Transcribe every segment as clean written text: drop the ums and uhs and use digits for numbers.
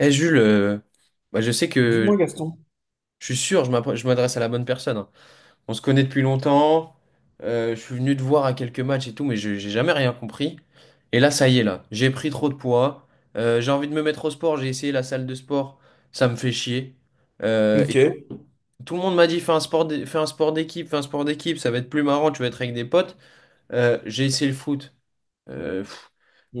Eh Jules, bah, je sais que Dis-moi, Gaston. je suis sûr, je m'adresse à la bonne personne, hein. On se connaît depuis longtemps. Je suis venu te voir à quelques matchs et tout, mais je j'ai jamais rien compris. Et là, ça y est, là, j'ai pris trop de poids. J'ai envie de me mettre au sport. J'ai essayé la salle de sport, ça me fait chier. Et tout, tout le monde m'a dit, fais un sport, fais un sport d'équipe, fais un sport d'équipe, ça va être plus marrant, tu vas être avec des potes. J'ai essayé le foot. euh,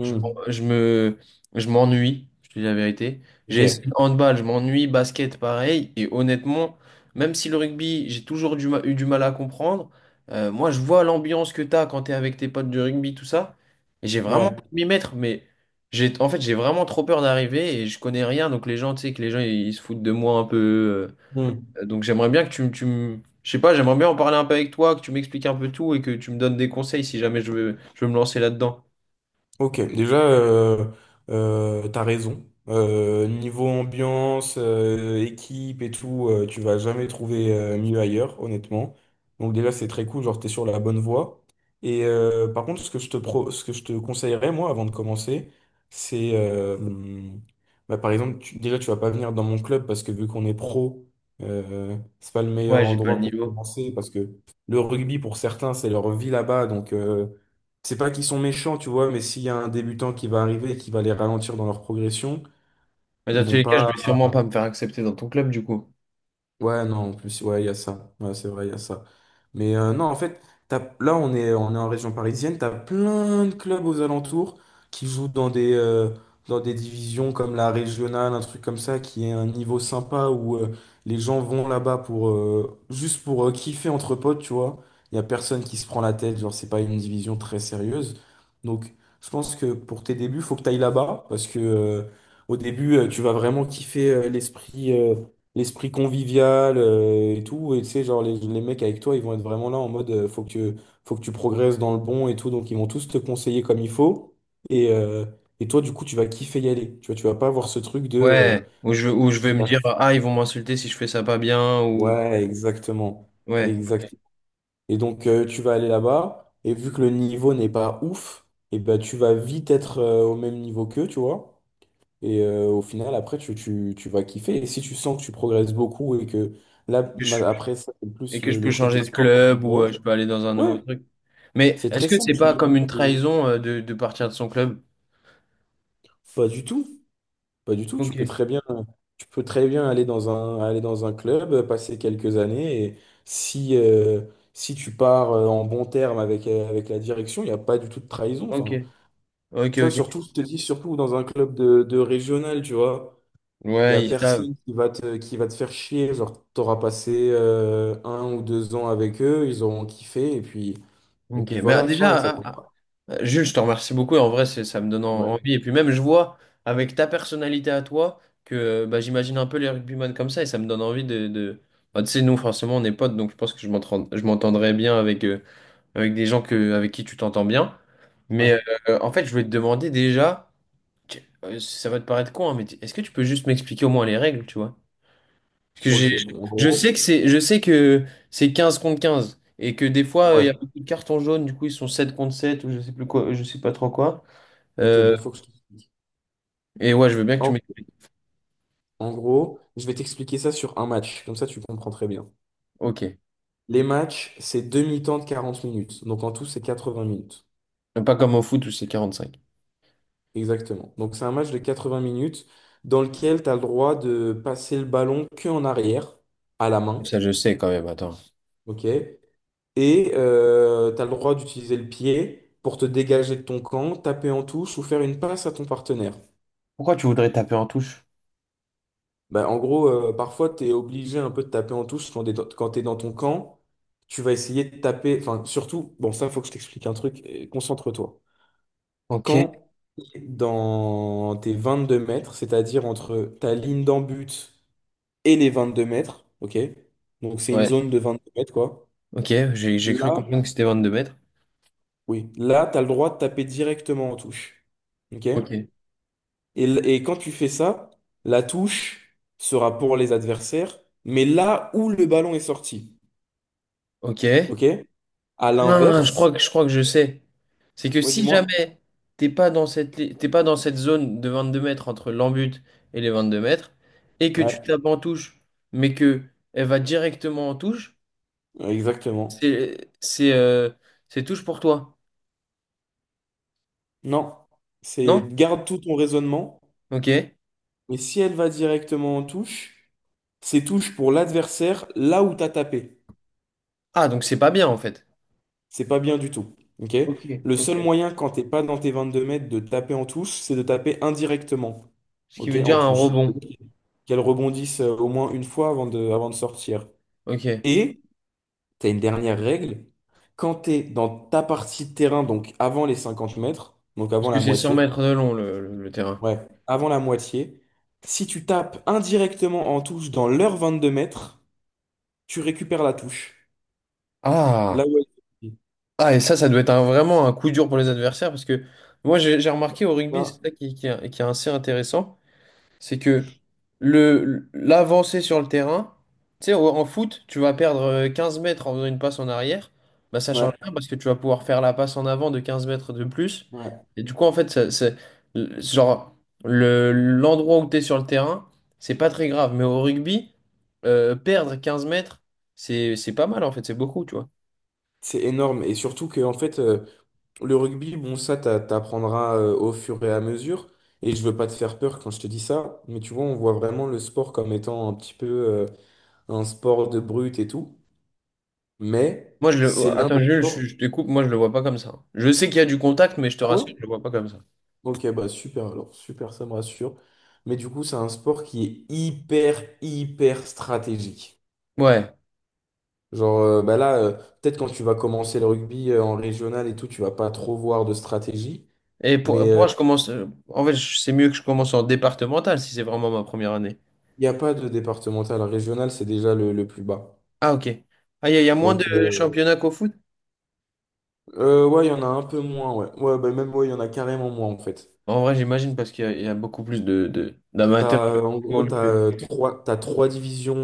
je, je me, je m'ennuie, je te dis la vérité. ok, J'ai essayé le handball, je m'ennuie, basket, pareil. Et honnêtement, même si le rugby, j'ai toujours eu du mal à comprendre, moi, je vois l'ambiance que tu as quand tu es avec tes potes de rugby, tout ça. Et j'ai vraiment envie ouais. de m'y mettre, mais en fait, j'ai vraiment trop peur d'arriver et je connais rien. Donc, les gens, tu sais, que les gens, ils se foutent de moi un peu. Hmm. Donc, j'aimerais bien que tu, me- tu me. Je sais pas, j'aimerais bien en parler un peu avec toi, que tu m'expliques un peu tout et que tu me donnes des conseils si jamais je veux me lancer là-dedans. Ok, déjà, t'as raison. Niveau ambiance, équipe et tout, tu vas jamais trouver mieux ailleurs, honnêtement. Donc déjà, c'est très cool, genre t'es sur la bonne voie. Et par contre, ce que je te conseillerais, moi, avant de commencer, c'est, bah, par exemple, déjà, tu vas pas venir dans mon club parce que vu qu'on est pro, c'est pas le Ouais, meilleur j'ai pas le endroit pour niveau. commencer parce que le rugby, pour certains, c'est leur vie là-bas, donc... c'est pas qu'ils sont méchants, tu vois, mais s'il y a un débutant qui va arriver et qui va les ralentir dans leur progression, Mais dans ils tous vont les cas, je pas. vais sûrement pas me faire accepter dans ton club, du coup. Ouais, non, en plus, ouais, il y a ça. Ouais, c'est vrai, il y a ça. Mais non, en fait, là, on est en région parisienne, t'as plein de clubs aux alentours qui jouent dans des divisions comme la régionale, un truc comme ça, qui est un niveau sympa où les gens vont là-bas pour juste pour kiffer entre potes, tu vois. Il y a personne qui se prend la tête, genre, c'est pas une division très sérieuse. Donc, je pense que pour tes débuts, faut que t'ailles là-bas parce que au début, tu vas vraiment kiffer l'esprit. L'esprit convivial et tout. Et tu sais, genre, les mecs avec toi, ils vont être vraiment là en mode faut que tu progresses dans le bon et tout. Donc, ils vont tous te conseiller comme il faut. Et, euh, et toi, du coup, tu vas kiffer y aller. Tu vois, tu vas pas avoir ce truc de. Ouais, ou je vais j'ai me la- dire, ah, ils vont m'insulter si je fais ça pas bien, ou. ouais, exactement. Ouais, ok. Exact. Et donc, tu vas aller là-bas. Et vu que le niveau n'est pas ouf, et ben, tu vas vite être au même niveau qu'eux, tu vois. Et au final, après, tu vas kiffer. Et si tu sens que tu progresses beaucoup et que là, Que je- après, ça, c'est Et plus que je le peux côté changer de sport qui club, ou t'intéresse. je peux aller dans un Ouais, nouveau truc. Mais c'est est-ce très que c'est simple. Tu pas me comme montres une que- trahison de partir de son club? Pas du tout. Pas du tout. Tu Ok, peux très bien, tu peux très bien aller dans un club, passer quelques années. Et si, si tu pars en bon terme avec, avec la direction, il n'y a pas du tout de trahison. ok, Enfin, ok, tu vois, ok. surtout, je te dis, surtout dans un club de régional, tu vois. Il y Ouais, a ils savent. personne qui va te faire chier. Genre, t'auras passé un ou deux ans avec eux, ils auront kiffé, et Ok, puis mais ah, voilà, fin, et ça déjà, leur ah. fera. Jules, je te remercie beaucoup. En vrai, ça me donne Ouais, envie. Et puis même, je vois avec ta personnalité à toi que bah, j'imagine un peu les rugbyman comme ça et ça me donne envie de. Bah, tu sais, nous, forcément, on est potes, donc je pense que je m'entendrai bien avec des gens que, avec qui tu t'entends bien. ouais. Mais en fait, je voulais te demander déjà, ça va te paraître con, hein, mais est-ce que tu peux juste m'expliquer au moins les règles, tu vois? Parce que Ok, bon, en gros, je sais que c'est 15 contre 15 et que des fois, il y a ouais. beaucoup de cartons jaunes, du coup, ils sont 7 contre 7 ou je sais plus quoi, je sais pas trop quoi. Ok, Euh, bon, faut que je t'explique. et ouais, je veux bien que tu En, m'expliques. en gros, je vais t'expliquer ça sur un match, comme ça tu comprends très bien. Ok. Les matchs, c'est demi-temps de 40 minutes. Donc en tout, c'est 80 minutes. Pas comme au foot où c'est 45. Exactement. Donc c'est un match de 80 minutes dans lequel tu as le droit de passer le ballon que en arrière, à la main. Ça, je sais quand même, attends. OK? Et tu as le droit d'utiliser le pied pour te dégager de ton camp, taper en touche ou faire une passe à ton partenaire. Pourquoi tu voudrais taper en touche? Bah, en gros, parfois, tu es obligé un peu de taper en touche quand tu es dans ton camp. Tu vas essayer de taper, enfin, surtout, bon, ça, faut que je t'explique un truc, concentre-toi. Ok. Quand dans tes 22 mètres, c'est-à-dire entre ta ligne d'en-but et les 22 mètres, ok? Donc, c'est une Ouais. zone de 22 mètres, quoi. Ok, j'ai Là, cru comprendre que c'était 22 mètres. oui, là, tu as le droit de taper directement en touche, ok? Ok. Et, et quand tu fais ça, la touche sera pour les adversaires, mais là où le ballon est sorti. Ok. OK? À Ah, je crois l'inverse, que je crois que je sais. C'est que ouais, si dis-moi. jamais t'es pas dans cette zone de 22 mètres entre l'en-but et les 22 mètres et que tu Ouais, tapes en touche mais que elle va directement en touche, exactement. c'est c'est euh, c'est touche pour toi. Non, c'est Non? garde tout ton raisonnement, Ok. mais si elle va directement en touche, c'est touche pour l'adversaire là où t'as tapé. Ah, donc c'est pas bien en fait. C'est pas bien du tout. OK? Ok, Le seul ok. moyen quand t'es pas dans tes 22 mètres de taper en touche, c'est de taper indirectement. Ce qui OK? veut En dire un touche. rebond. Qu'elle rebondisse au moins une fois avant de sortir. Ok. Et tu as une dernière règle, quand tu es dans ta partie de terrain, donc avant les 50 mètres, donc Parce avant que la c'est 100 moitié, mètres de long le terrain. ouais, avant la moitié, si tu tapes indirectement en touche dans l'heure 22 mètres, tu récupères la touche. Ah. Là où elle est. Ah, et ça doit être vraiment un coup dur pour les adversaires parce que moi, j'ai remarqué au rugby, c'est Là, ça qui est assez intéressant. C'est que le l'avancée sur le terrain, tu sais, en foot, tu vas perdre 15 mètres en faisant une passe en arrière, bah ça ouais, change rien parce que tu vas pouvoir faire la passe en avant de 15 mètres de plus. ouais. Et du coup, en fait, c'est genre le l'endroit où tu es sur le terrain, c'est pas très grave. Mais au rugby, perdre 15 mètres, c'est pas mal en fait, c'est beaucoup, tu vois. C'est énorme. Et surtout que, en fait, le rugby, bon, ça, t'apprendras au fur et à mesure. Et je veux pas te faire peur quand je te dis ça, mais tu vois, on voit vraiment le sport comme étant un petit peu un sport de brute et tout. Mais c'est l'un Attends, des Jules, je, sports. je te coupe, moi je le vois pas comme ça. Je sais qu'il y a du contact, mais je te Ah ouais? rassure, je le vois pas comme ça. Ok, bah super, alors super, ça me rassure. Mais du coup, c'est un sport qui est hyper, hyper stratégique. Ouais. Genre, bah là, peut-être quand tu vas commencer le rugby en régional et tout, tu vas pas trop voir de stratégie. Et pour, Mais pour moi, je commence. En fait, c'est mieux que je commence en départemental si c'est vraiment ma première année. il n'y a pas de départemental. Régional, c'est déjà le plus bas. Ah, ok. Ah, il y a moins de Donc, championnats qu'au foot? Ouais, il y en a un peu moins, ouais. Ouais, bah, même, ouais, il y en a carrément moins, en fait. En vrai, j'imagine parce qu'il y a beaucoup plus d'amateurs T'as, de en gros, football que. T'as trois divisions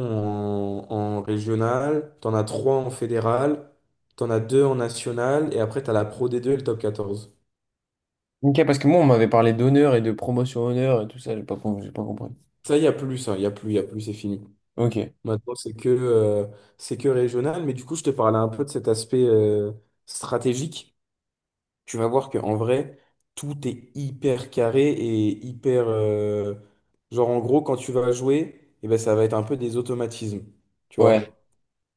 en, en régional, tu en as trois en fédéral, tu en as deux en national, et après, tu as la Pro d deux et le top 14. Ok, parce que moi, on m'avait parlé d'honneur et de promotion honneur et tout ça, j'ai pas compris. Ça, il y a plus, ça, il y a plus, il y a plus, c'est fini. Ok. Maintenant, c'est que régional, mais du coup, je te parlais un peu de cet aspect stratégique. Tu vas voir qu'en vrai, tout est hyper carré et hyper... genre, en gros, quand tu vas jouer, eh ben, ça va être un peu des automatismes, tu Ouais. vois.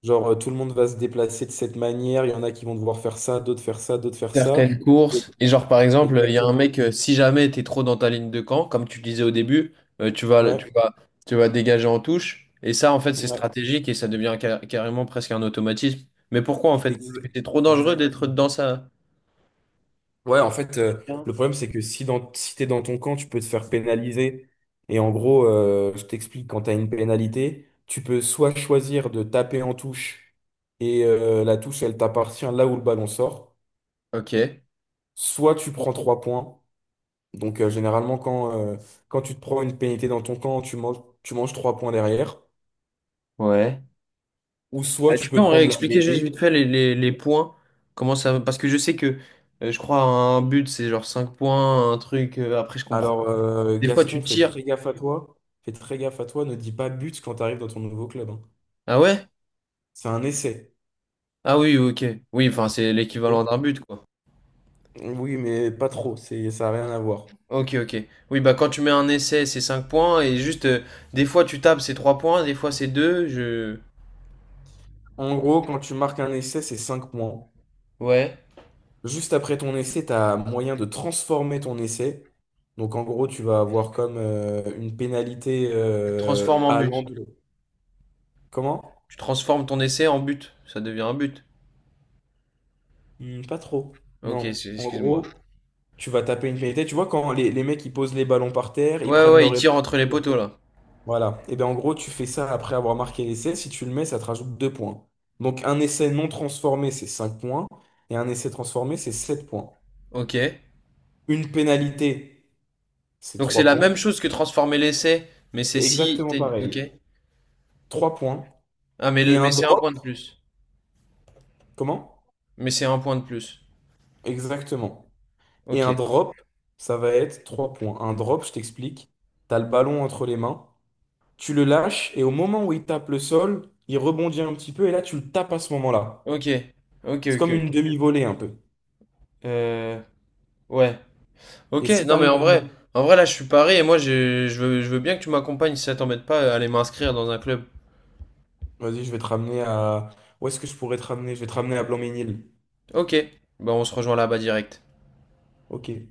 Genre, tout le monde va se déplacer de cette manière, il y en a qui vont devoir faire ça, d'autres faire ça, d'autres faire Certaines ça. Et- courses. Et genre, par exemple, il y a un exactement. mec, si jamais t'es trop dans ta ligne de camp, comme tu disais au début, euh, tu vas, Ouais, tu vas, tu vas dégager en touche. Et ça, en fait, c'est ouais. stratégique et ça devient carrément presque un automatisme. Mais pourquoi, en fait? Parce Ex- que c'est trop dangereux d'être exactement. dans sa. Ouais, en fait, le problème, c'est que si, dans, si t'es dans ton camp, tu peux te faire pénaliser. Et en gros, je t'explique, quand t'as une pénalité, tu peux soit choisir de taper en touche et la touche, elle t'appartient là où le ballon sort, Ok. soit tu prends 3 points. Donc, généralement, quand, quand tu te prends une pénalité dans ton camp, tu manges 3 points derrière. Ouais. Ou soit tu Tu peux peux en prendre la réexpliquer juste vite mêlée. fait les points? Comment ça. Parce que je sais que, je crois, un but, c'est genre 5 points, un truc. Après, je comprends. Alors, Des fois, Gaston, tu fais tires. très gaffe à toi. Fais très gaffe à toi. Ne dis pas but quand t'arrives dans ton nouveau club. Hein. Ah ouais? C'est un essai. Ah oui, ok. Oui, enfin, c'est l'équivalent Ok. d'un but, quoi. Oui, mais pas trop, c'est, ça n'a rien à voir. Ok, ok. Oui, bah quand tu mets un essai, c'est 5 points, et juste, des fois tu tapes, c'est 3 points, des fois c'est deux. En gros, quand tu marques un essai, c'est 5 points. Ouais. Juste après ton essai, tu as moyen de transformer ton essai. Donc en gros, tu vas avoir comme une pénalité Tu le transformes en but. allant de... Comment? Tu transformes ton essai en but. Ça devient un but. Hmm, pas trop. Ok, Non. En excuse-moi. gros, tu vas taper une pénalité. Tu vois, quand les mecs, ils posent les ballons par terre, ils Ouais, prennent ouais, leur... il tire entre les poteaux, là. Voilà. Et bien en gros, tu fais ça après avoir marqué l'essai. Si tu le mets, ça te rajoute 2 points. Donc un essai non transformé, c'est 5 points. Et un essai transformé, c'est 7 points. Ok. Une pénalité, c'est Donc c'est 3 la même points. chose que transformer l'essai, mais c'est si. Exactement Ok. pareil. 3 points. Ah, mais, Et mais un c'est un drop, point de plus. comment? Mais c'est un point de plus. Exactement. Et un Ok. drop, ça va être 3 points. Un drop, je t'explique. T'as le ballon entre les mains. Tu le lâches et au moment où il tape le sol, il rebondit un petit peu et là, tu le tapes à ce moment-là. Ok. Ok, C'est ok, comme une ok. demi-volée un peu. Euh... Ouais. Ok, Et si tu non mais arrives en à le... vrai, en vrai là je suis paré et moi je veux bien que tu m'accompagnes si ça t'embête pas à aller m'inscrire dans un club. Vas-y, je vais te ramener à... Où est-ce que je pourrais te ramener? Je vais te ramener à Blanc-Ménil. Ok, bah on se rejoint là-bas direct. Ok.